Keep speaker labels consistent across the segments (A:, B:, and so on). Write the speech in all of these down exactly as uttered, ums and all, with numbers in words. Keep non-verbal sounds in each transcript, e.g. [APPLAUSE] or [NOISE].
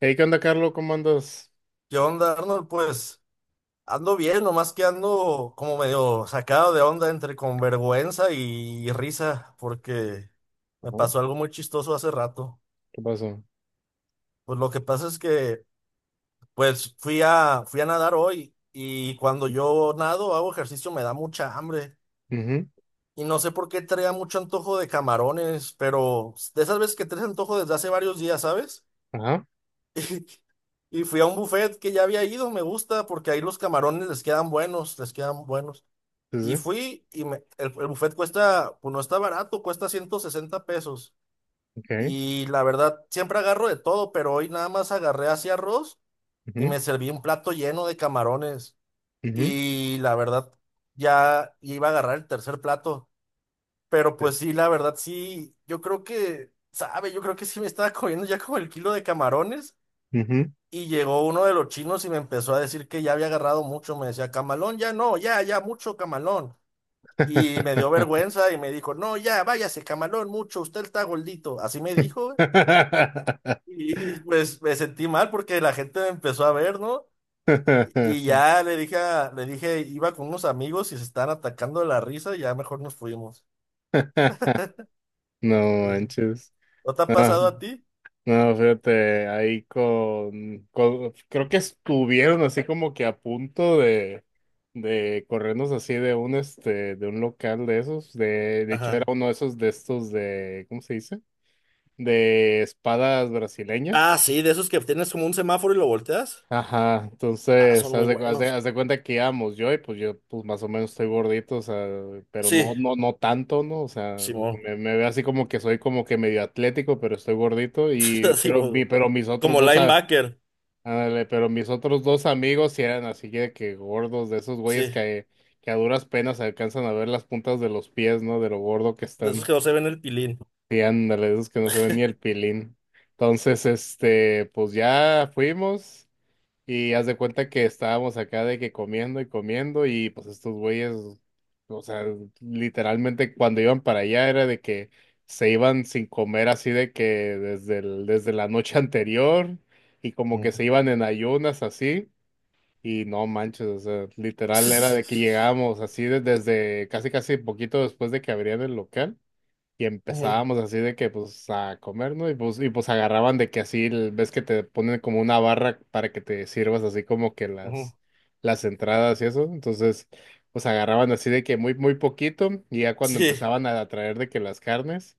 A: Hey, ¿qué onda, Carlos? ¿Cómo andas?
B: ¿Qué onda, Arnold? Pues ando bien, nomás que ando como medio sacado de onda entre con vergüenza y risa, porque me
A: Ajá.
B: pasó algo muy chistoso hace rato.
A: ¿Qué pasó?
B: Pues lo que pasa es que, pues fui a, fui a nadar hoy y cuando yo nado, hago ejercicio, me da mucha hambre.
A: Ujú.
B: Y no sé por qué traía mucho antojo de camarones, pero de esas veces que traes antojo desde hace varios días, ¿sabes?
A: Ajá,
B: [LAUGHS] Y fui a un buffet que ya había ido, me gusta, porque ahí los camarones les quedan buenos, les quedan buenos.
A: sí,
B: Y
A: sí,
B: fui y me- el, el buffet cuesta, pues no está barato, cuesta ciento sesenta pesos.
A: ok.
B: Y la verdad, siempre agarro de todo, pero hoy nada más agarré así arroz y
A: Ujú,
B: me serví un plato lleno de camarones.
A: ujú,
B: Y la verdad, ya iba a agarrar el tercer plato. Pero
A: sí,
B: pues sí, la verdad, sí, yo creo que, sabe, yo creo que sí me estaba comiendo ya como el kilo de camarones.
A: ujú.
B: Y llegó uno de los chinos y me empezó a decir que ya había agarrado mucho. Me decía, camalón, ya no, ya, ya, mucho camalón. Y me dio vergüenza y me dijo, no, ya, váyase, camalón, mucho, usted está gordito. Así me dijo, güey.
A: [LAUGHS]
B: Y pues me sentí mal porque la gente me empezó a ver, ¿no? Y ya le dije, a- le dije, iba con unos amigos y se estaban atacando de la risa y ya mejor nos fuimos.
A: No
B: Sí.
A: manches.
B: ¿No te ha
A: No,
B: pasado a ti?
A: no, fíjate, ahí con, con- creo que estuvieron así como que a punto de, de corrernos así de un, este, de un local de esos, de, de hecho era
B: Ajá.
A: uno de esos de estos de, ¿cómo se dice? De espadas
B: Ah,
A: brasileñas.
B: sí, de esos que tienes como un semáforo y lo volteas.
A: Ajá,
B: Ah, son
A: entonces,
B: muy
A: haz de, cu- haz de-
B: buenos.
A: haz de cuenta que íbamos yo y pues yo pues más o menos estoy gordito, o sea, pero no,
B: Sí,
A: no, no tanto, ¿no? O sea,
B: Simón.
A: me, me veo así como que soy como que medio atlético, pero estoy gordito y,
B: [LAUGHS]
A: pero, mi,
B: Simón.
A: pero mis otros
B: Como
A: dos, a-
B: linebacker.
A: ándale, pero mis otros dos amigos sí eran así de que gordos, de esos güeyes
B: Sí,
A: que, que a duras penas alcanzan a ver las puntas de los pies, ¿no? De lo gordo que
B: de esos
A: están.
B: que no se ven el pilín.
A: Sí, ándale, de esos que no se ven ni el pilín. Entonces, este, pues ya fuimos. Y haz de cuenta que estábamos acá de que comiendo y comiendo y pues estos güeyes, o sea, literalmente cuando iban para allá era de que se iban sin comer así de que desde el- desde la noche [LAUGHS] anterior, y como
B: Ujú.
A: que se iban en ayunas así, y no manches, o sea, literal era de que
B: [LAUGHS]
A: llegábamos así de- desde casi casi poquito después de que abrían el local. Y
B: Ujú,
A: empezábamos así de que pues a comer, ¿no? Y pues, y pues agarraban de que así, el- ves que te ponen como una barra para que te sirvas así como que
B: ujú.
A: las, las entradas y eso. Entonces, pues agarraban así de que muy, muy poquito, y ya cuando
B: Sí.
A: empezaban a traer de que las carnes.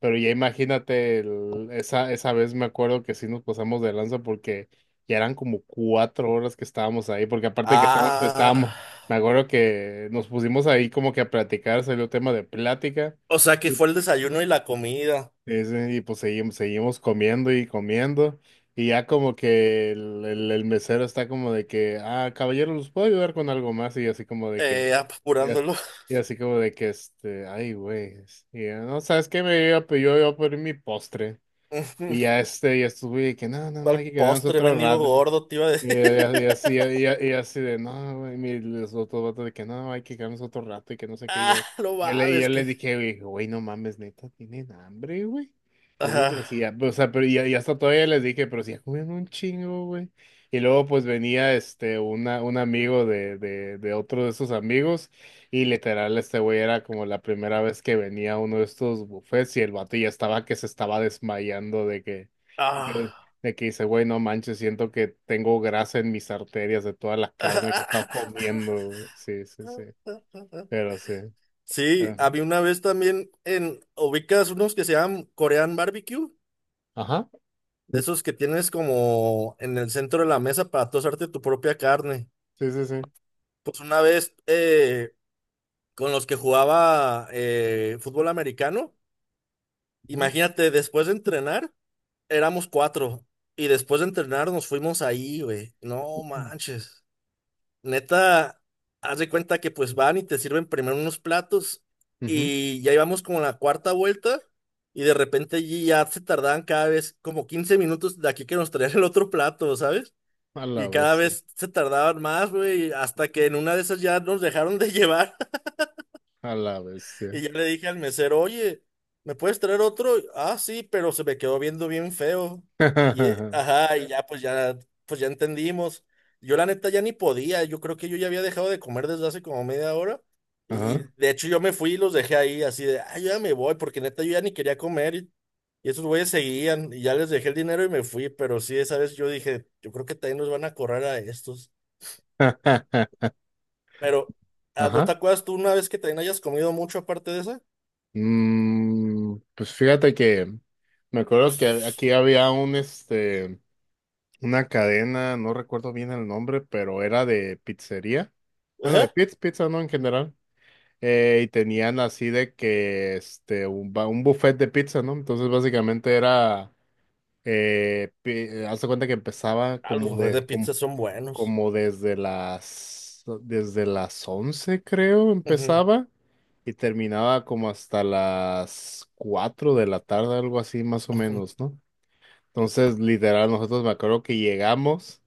A: Pero ya imagínate, el- esa, esa vez me acuerdo que sí nos pasamos de lanza porque ya eran como cuatro horas que estábamos ahí, porque aparte de que estábamos, estábamos,
B: Ah.
A: me acuerdo que nos pusimos ahí como que a platicar, salió tema de plática.
B: O sea que fue el desayuno y la comida.
A: Es, eh, y pues seguimos, seguimos comiendo y comiendo. Y ya como que el, el- el mesero está como de que, ah, caballero, ¿los puedo ayudar con algo más? Y así como de que,
B: Eh,
A: y as-
B: apurándolo. [LAUGHS]
A: y así, como de que, este, ay, güey. es- Y ya, no, ¿sabes qué? Me iba, a pe- yo iba a pedir mi postre.
B: Ujú.
A: Y ya este, y estuve de que, no, no, no,
B: ¿Cuál
A: hay que quedarnos
B: postre,
A: otro
B: mendigo
A: rato.
B: gordo, te iba a
A: Y,
B: decir? [LAUGHS]
A: y- y así, y, a- y así de, no, güey, mi- los otros vatos de que no, hay que quedarnos otro rato y que no sé qué.
B: Ah,
A: Yo,
B: no
A: yo le, yo
B: mames,
A: les
B: que.
A: dije, güey, güey, no mames, neta, tienen hambre, güey. Yo, güey, pero sí,
B: Ah,
A: ya, o sea, pero ya, ya hasta todavía les dije, pero sí, ya comieron un chingo, güey. Y luego, pues venía este, una, un amigo de, de, de otro de esos amigos, y literal, este güey era como la primera vez que venía a uno de estos buffets, y el vato ya estaba que se estaba desmayando de que.
B: ah,
A: De que dice, güey, no manches, siento que tengo grasa en mis arterias de toda la
B: [LAUGHS]
A: carne que he estado comiendo, güey". Sí, sí, sí.
B: ah.
A: Pero sí.
B: Sí,
A: eh,
B: había una vez también en. ¿Ubicas unos que se llaman Korean Barbecue?
A: Ajá.
B: De esos que tienes como en el centro de la mesa para tú hacerte tu propia carne.
A: Sí, sí, sí.
B: Pues una vez eh, con los que jugaba eh, fútbol americano.
A: Ujú.
B: Imagínate, después de entrenar, éramos cuatro. Y después de entrenar nos fuimos ahí, güey. No manches. Neta, haz de cuenta que pues van y te sirven primero unos platos.
A: Ujú.
B: Y ya íbamos como a la cuarta vuelta. Y de repente allí ya se tardaban cada vez como quince minutos de aquí que nos traían el otro plato, ¿sabes?
A: A la
B: Y cada
A: vez,
B: vez se tardaban más, güey. Hasta que en una de esas ya nos dejaron de [LAUGHS] llevar.
A: a la vez,
B: Y ya le dije al mesero, oye, ¿me puedes traer otro? Ah, sí, pero se me quedó viendo bien feo.
A: [LAUGHS] sí.
B: Y, eh,
A: Ajá.
B: ajá, y ya pues ya, pues ya entendimos. Yo la neta ya ni podía, yo creo que yo ya había dejado de comer desde hace como media hora. Y de hecho yo me fui y los dejé ahí así de, ah, ya me voy, porque neta yo ya ni quería comer. Y, y esos güeyes seguían y ya les dejé el dinero y me fui. Pero sí, esa vez yo dije, yo creo que también nos van a correr a estos.
A: [LAUGHS]
B: Pero, ah, ¿no te
A: Ajá.
B: acuerdas tú una vez que también hayas comido mucho aparte de esa?
A: Mm, pues fíjate que me acuerdo que aquí había un, este, una cadena, no recuerdo bien el nombre, pero era de pizzería. Bueno, de pizza, pizza, ¿no? En general. Eh, y tenían así de que este un, ba- un buffet de pizza, ¿no? Entonces básicamente era eh, pi- eh, haz de cuenta que empezaba
B: Ah, los
A: como
B: buffets de
A: de como,
B: pizza son buenos.
A: como desde las desde las once creo
B: Ujú,
A: empezaba y terminaba como hasta las cuatro de la tarde, algo así más o
B: ujú,
A: menos, ¿no? Entonces, literal, nosotros me acuerdo que llegamos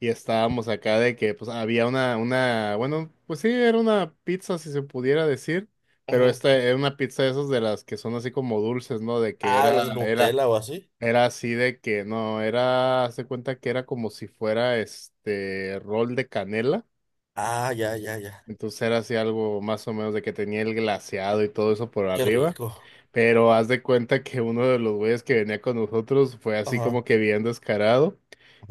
A: y estábamos acá de que pues había una, una, bueno, pues sí, era una pizza si se pudiera decir, pero
B: ujú.
A: esta era una pizza de esas de las que son así como dulces, ¿no? De que
B: Ah, de
A: era,
B: los de
A: era,
B: Nutella o así.
A: era así de que no, era, haz de cuenta que era como si fuera este rol de canela.
B: Ah, ya, ya, ya.
A: Entonces era así algo más o menos de que tenía el glaseado y todo eso por
B: Qué
A: arriba.
B: rico.
A: Pero haz de cuenta que uno de los güeyes que venía con nosotros fue así como
B: Ajá,
A: que bien descarado.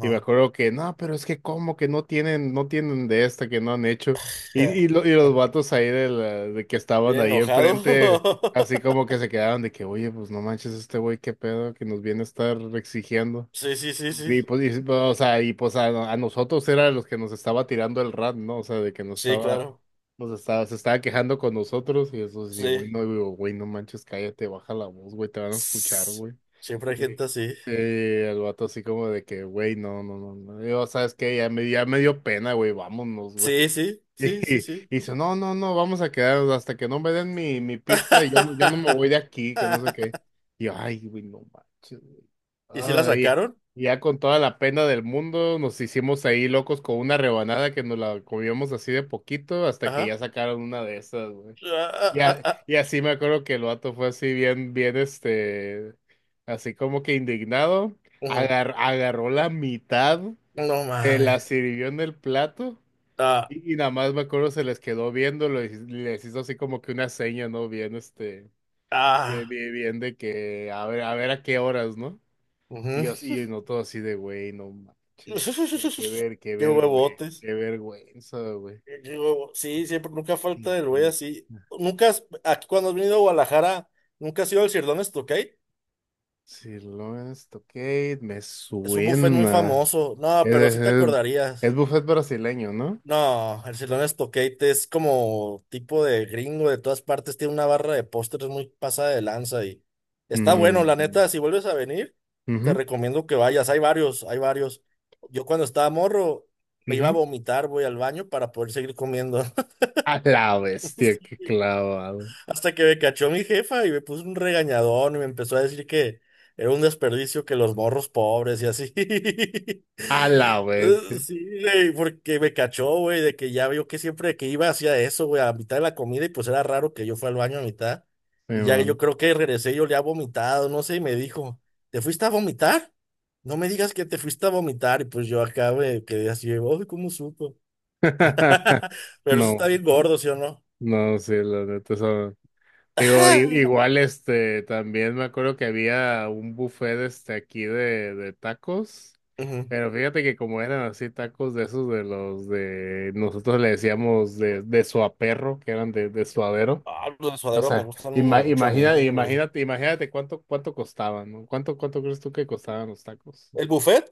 A: Y me
B: [LAUGHS]
A: acuerdo que, no, pero es que como que no tienen, no tienen de esta, que no han hecho. Y,
B: Ja,
A: y, lo- y los vatos ahí de, la, de que estaban
B: bien
A: ahí
B: enojado.
A: enfrente, así como
B: [LAUGHS]
A: que se quedaron de que, oye, pues no manches este güey, qué pedo que nos viene a estar exigiendo.
B: Sí, sí, sí, sí.
A: Y pues, y, o sea, y pues a, a nosotros era los que nos estaba tirando el rat, ¿no? O sea, de que nos
B: Sí,
A: estaba,
B: claro.
A: nos estaba, se estaba quejando con nosotros y eso sí, güey,
B: Sí.
A: no, digo, güey, no manches, cállate, baja la voz, güey, te van a escuchar,
B: Tss.
A: güey.
B: Siempre hay
A: Y,
B: gente así.
A: eh, el vato así como de que, güey, no, no, no, no. Yo, ¿sabes qué? Ya me, ya me dio pena, güey, vámonos, güey.
B: Sí, sí,
A: Y,
B: sí, sí,
A: y
B: sí.
A: dice, no, no, no, vamos a quedarnos hasta que no me den mi, mi pizza, y yo no, yo no me voy de
B: [LAUGHS]
A: aquí, que no sé qué. Y yo, ay, güey, no manches, güey.
B: ¿Y si la
A: Ay,
B: sacaron?
A: y ya con toda la pena del mundo nos hicimos ahí locos con una rebanada que nos la comíamos así de poquito hasta que
B: Ajá.
A: ya
B: [LAUGHS]
A: sacaron una de esas, güey.
B: Ah, ah,
A: Y,
B: ah,
A: a-
B: ah.
A: y así me acuerdo que el vato fue así bien, bien, este, así como que indignado,
B: Ujú.
A: agar- agarró la mitad,
B: No
A: me
B: mames.
A: la sirvió en el plato
B: Ah,
A: y, y nada más me acuerdo se les quedó viendo, lo- les hizo así como que una seña, ¿no? Bien, este, bien,
B: ah.
A: bien, bien de que a ver, a ver a qué horas, ¿no? Y
B: Ujú.
A: yo, y yo no todo así de, güey, no manches, qué, qué
B: [LAUGHS]
A: ver, qué
B: Qué
A: ver, güey,
B: huevotes.
A: qué vergüenza, güey. [LAUGHS]
B: Eh, Digo, sí, siempre, nunca
A: Y-
B: falta el güey
A: y-
B: así. Nunca, has- aquí cuando has venido a Guadalajara, nunca has ido al Sirloin Stokate.
A: Sí, Lawrence Tocate, me
B: Es un buffet muy
A: suena.
B: famoso. No,
A: Es,
B: pero sí te
A: es, es
B: acordarías.
A: buffet brasileño, ¿no?
B: No, el Sirloin Stokate es como tipo de gringo de todas partes. Tiene una barra de postres muy pasada de lanza y está bueno, la
A: Mm,
B: neta. Si vuelves a venir, te
A: ujú,
B: recomiendo que vayas. Hay varios, hay varios. Yo cuando estaba morro, me iba a
A: ujú.
B: vomitar, voy al baño para poder seguir comiendo.
A: A la bestia, qué
B: [LAUGHS]
A: clavado.
B: Hasta que me cachó mi jefa y me puso un regañadón y me empezó a decir que era un desperdicio que los morros pobres y así. [LAUGHS]
A: A la
B: Eh,
A: bestia.
B: Sí, güey, porque me cachó, güey, de que ya vio que siempre que iba hacía eso, güey, a mitad de la comida y pues era raro que yo fuera al baño a mitad. Y ya yo creo que regresé y yo le había vomitado, no sé, y me dijo, ¿te fuiste a vomitar? No me digas que te fuiste a vomitar y pues yo acá me quedé así, uy, ¿cómo supo?
A: [LAUGHS]
B: [LAUGHS] Pero eso está
A: No,
B: bien gordo, ¿sí o no?
A: no, sí, la neta son. Digo, i-
B: [LAUGHS]
A: igual este, también me acuerdo que había un buffet este aquí de, de tacos,
B: Ujú.
A: pero fíjate que como eran así tacos de esos de los de, nosotros le decíamos de, de suaperro, que eran de, de suadero.
B: Ah, los de
A: O
B: suadero me
A: sea,
B: gustan
A: ima-
B: mucho a
A: imagina,
B: mí, güey.
A: imagínate, imagínate cuánto, cuánto costaban, ¿no? ¿Cuánto, cuánto crees tú que costaban los tacos?
B: El buffet,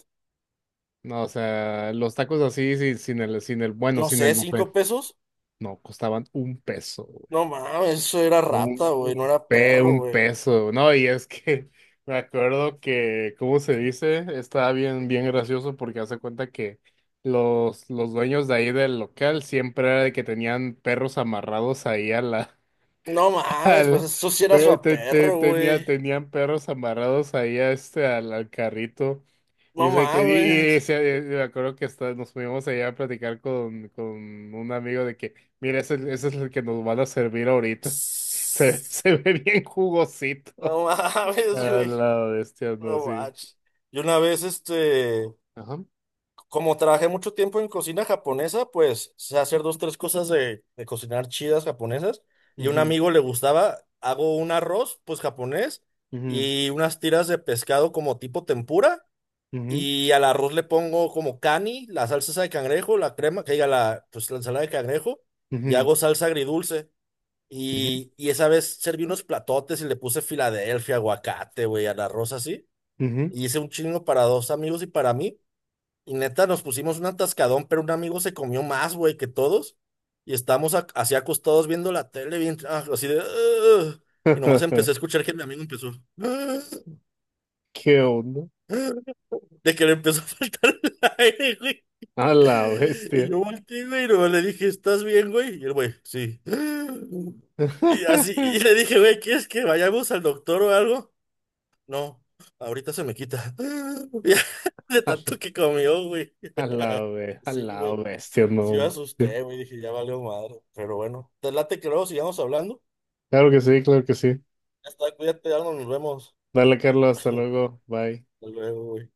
A: No, o sea, los tacos así sin, sin el, sin el, bueno,
B: no
A: sin el
B: sé,
A: buffet.
B: cinco pesos.
A: No, costaban un peso.
B: No mames, eso era rata,
A: Un, un
B: güey, no era
A: pe-
B: perro,
A: un
B: güey.
A: peso, ¿no? Y es que [LAUGHS] me acuerdo que, ¿cómo se dice? Estaba bien, bien gracioso porque hace cuenta que los, los dueños de ahí del local siempre era de que tenían perros amarrados ahí a la.
B: No
A: [LAUGHS]
B: mames, pues
A: al-
B: eso sí era su
A: pe-
B: a
A: te- te-
B: perro,
A: tenía,
B: güey.
A: tenían perros amarrados ahí a este, al, al carrito. Y,
B: No
A: sé que, y,
B: mames.
A: y se- me acuerdo que hasta nos fuimos allá a platicar con, con un amigo de que, mira, ese, ese es el que nos van a servir ahorita. [LAUGHS] Se,
B: Tss,
A: se ve bien jugosito.
B: no [LAUGHS] mames,
A: A
B: güey.
A: la bestia, no,
B: No
A: sí.
B: manches. Y una vez, este,
A: Ajá.
B: como trabajé mucho tiempo en cocina japonesa, pues sé hacer dos, tres cosas de, de cocinar chidas japonesas. Y a un
A: Ujú,
B: amigo le gustaba, hago un arroz, pues japonés,
A: ujú,
B: y unas tiras de pescado como tipo tempura. Y al arroz le pongo como cani, la salsa esa de cangrejo, la crema, que diga la, pues la ensalada de cangrejo, y
A: ujú,
B: hago salsa agridulce.
A: ujú,
B: Y, y esa vez serví unos platotes y le puse Filadelfia, aguacate, güey, al arroz así.
A: ujú, ujú.
B: Y hice un chingo para dos amigos y para mí. Y neta, nos pusimos un atascadón, pero un amigo se comió más, güey, que todos. Y estamos ac- así acostados viendo la tele, bien, ah, así de... "Ugh". Y nomás
A: [LAUGHS]
B: empecé a escuchar que mi amigo empezó... "Ugh,
A: ¿Qué onda?
B: ugh", de que le empezó a faltar el [LAUGHS] aire, güey.
A: A la bestia.
B: Y yo volteé, güey, y nomás le dije, ¿estás bien, güey? Y el güey, sí. "Ugh". Y así, y
A: [LAUGHS]
B: le dije, güey, ¿quieres que vayamos al doctor o algo? No, ahorita se me quita. "Ugh". [LAUGHS] De
A: A
B: tanto que comió, güey.
A: a la,
B: [LAUGHS]
A: be- a
B: Sí,
A: la
B: güey.
A: bestia,
B: Sí me
A: no.
B: asusté, güey, dije, ya valió madre. Pero bueno, te late que luego sigamos hablando.
A: Claro que sí, claro que sí.
B: Ya está, cuídate, Arnold, nos vemos.
A: Dale, Carlos,
B: [LAUGHS]
A: hasta
B: Hasta
A: luego. Bye.
B: luego, güey.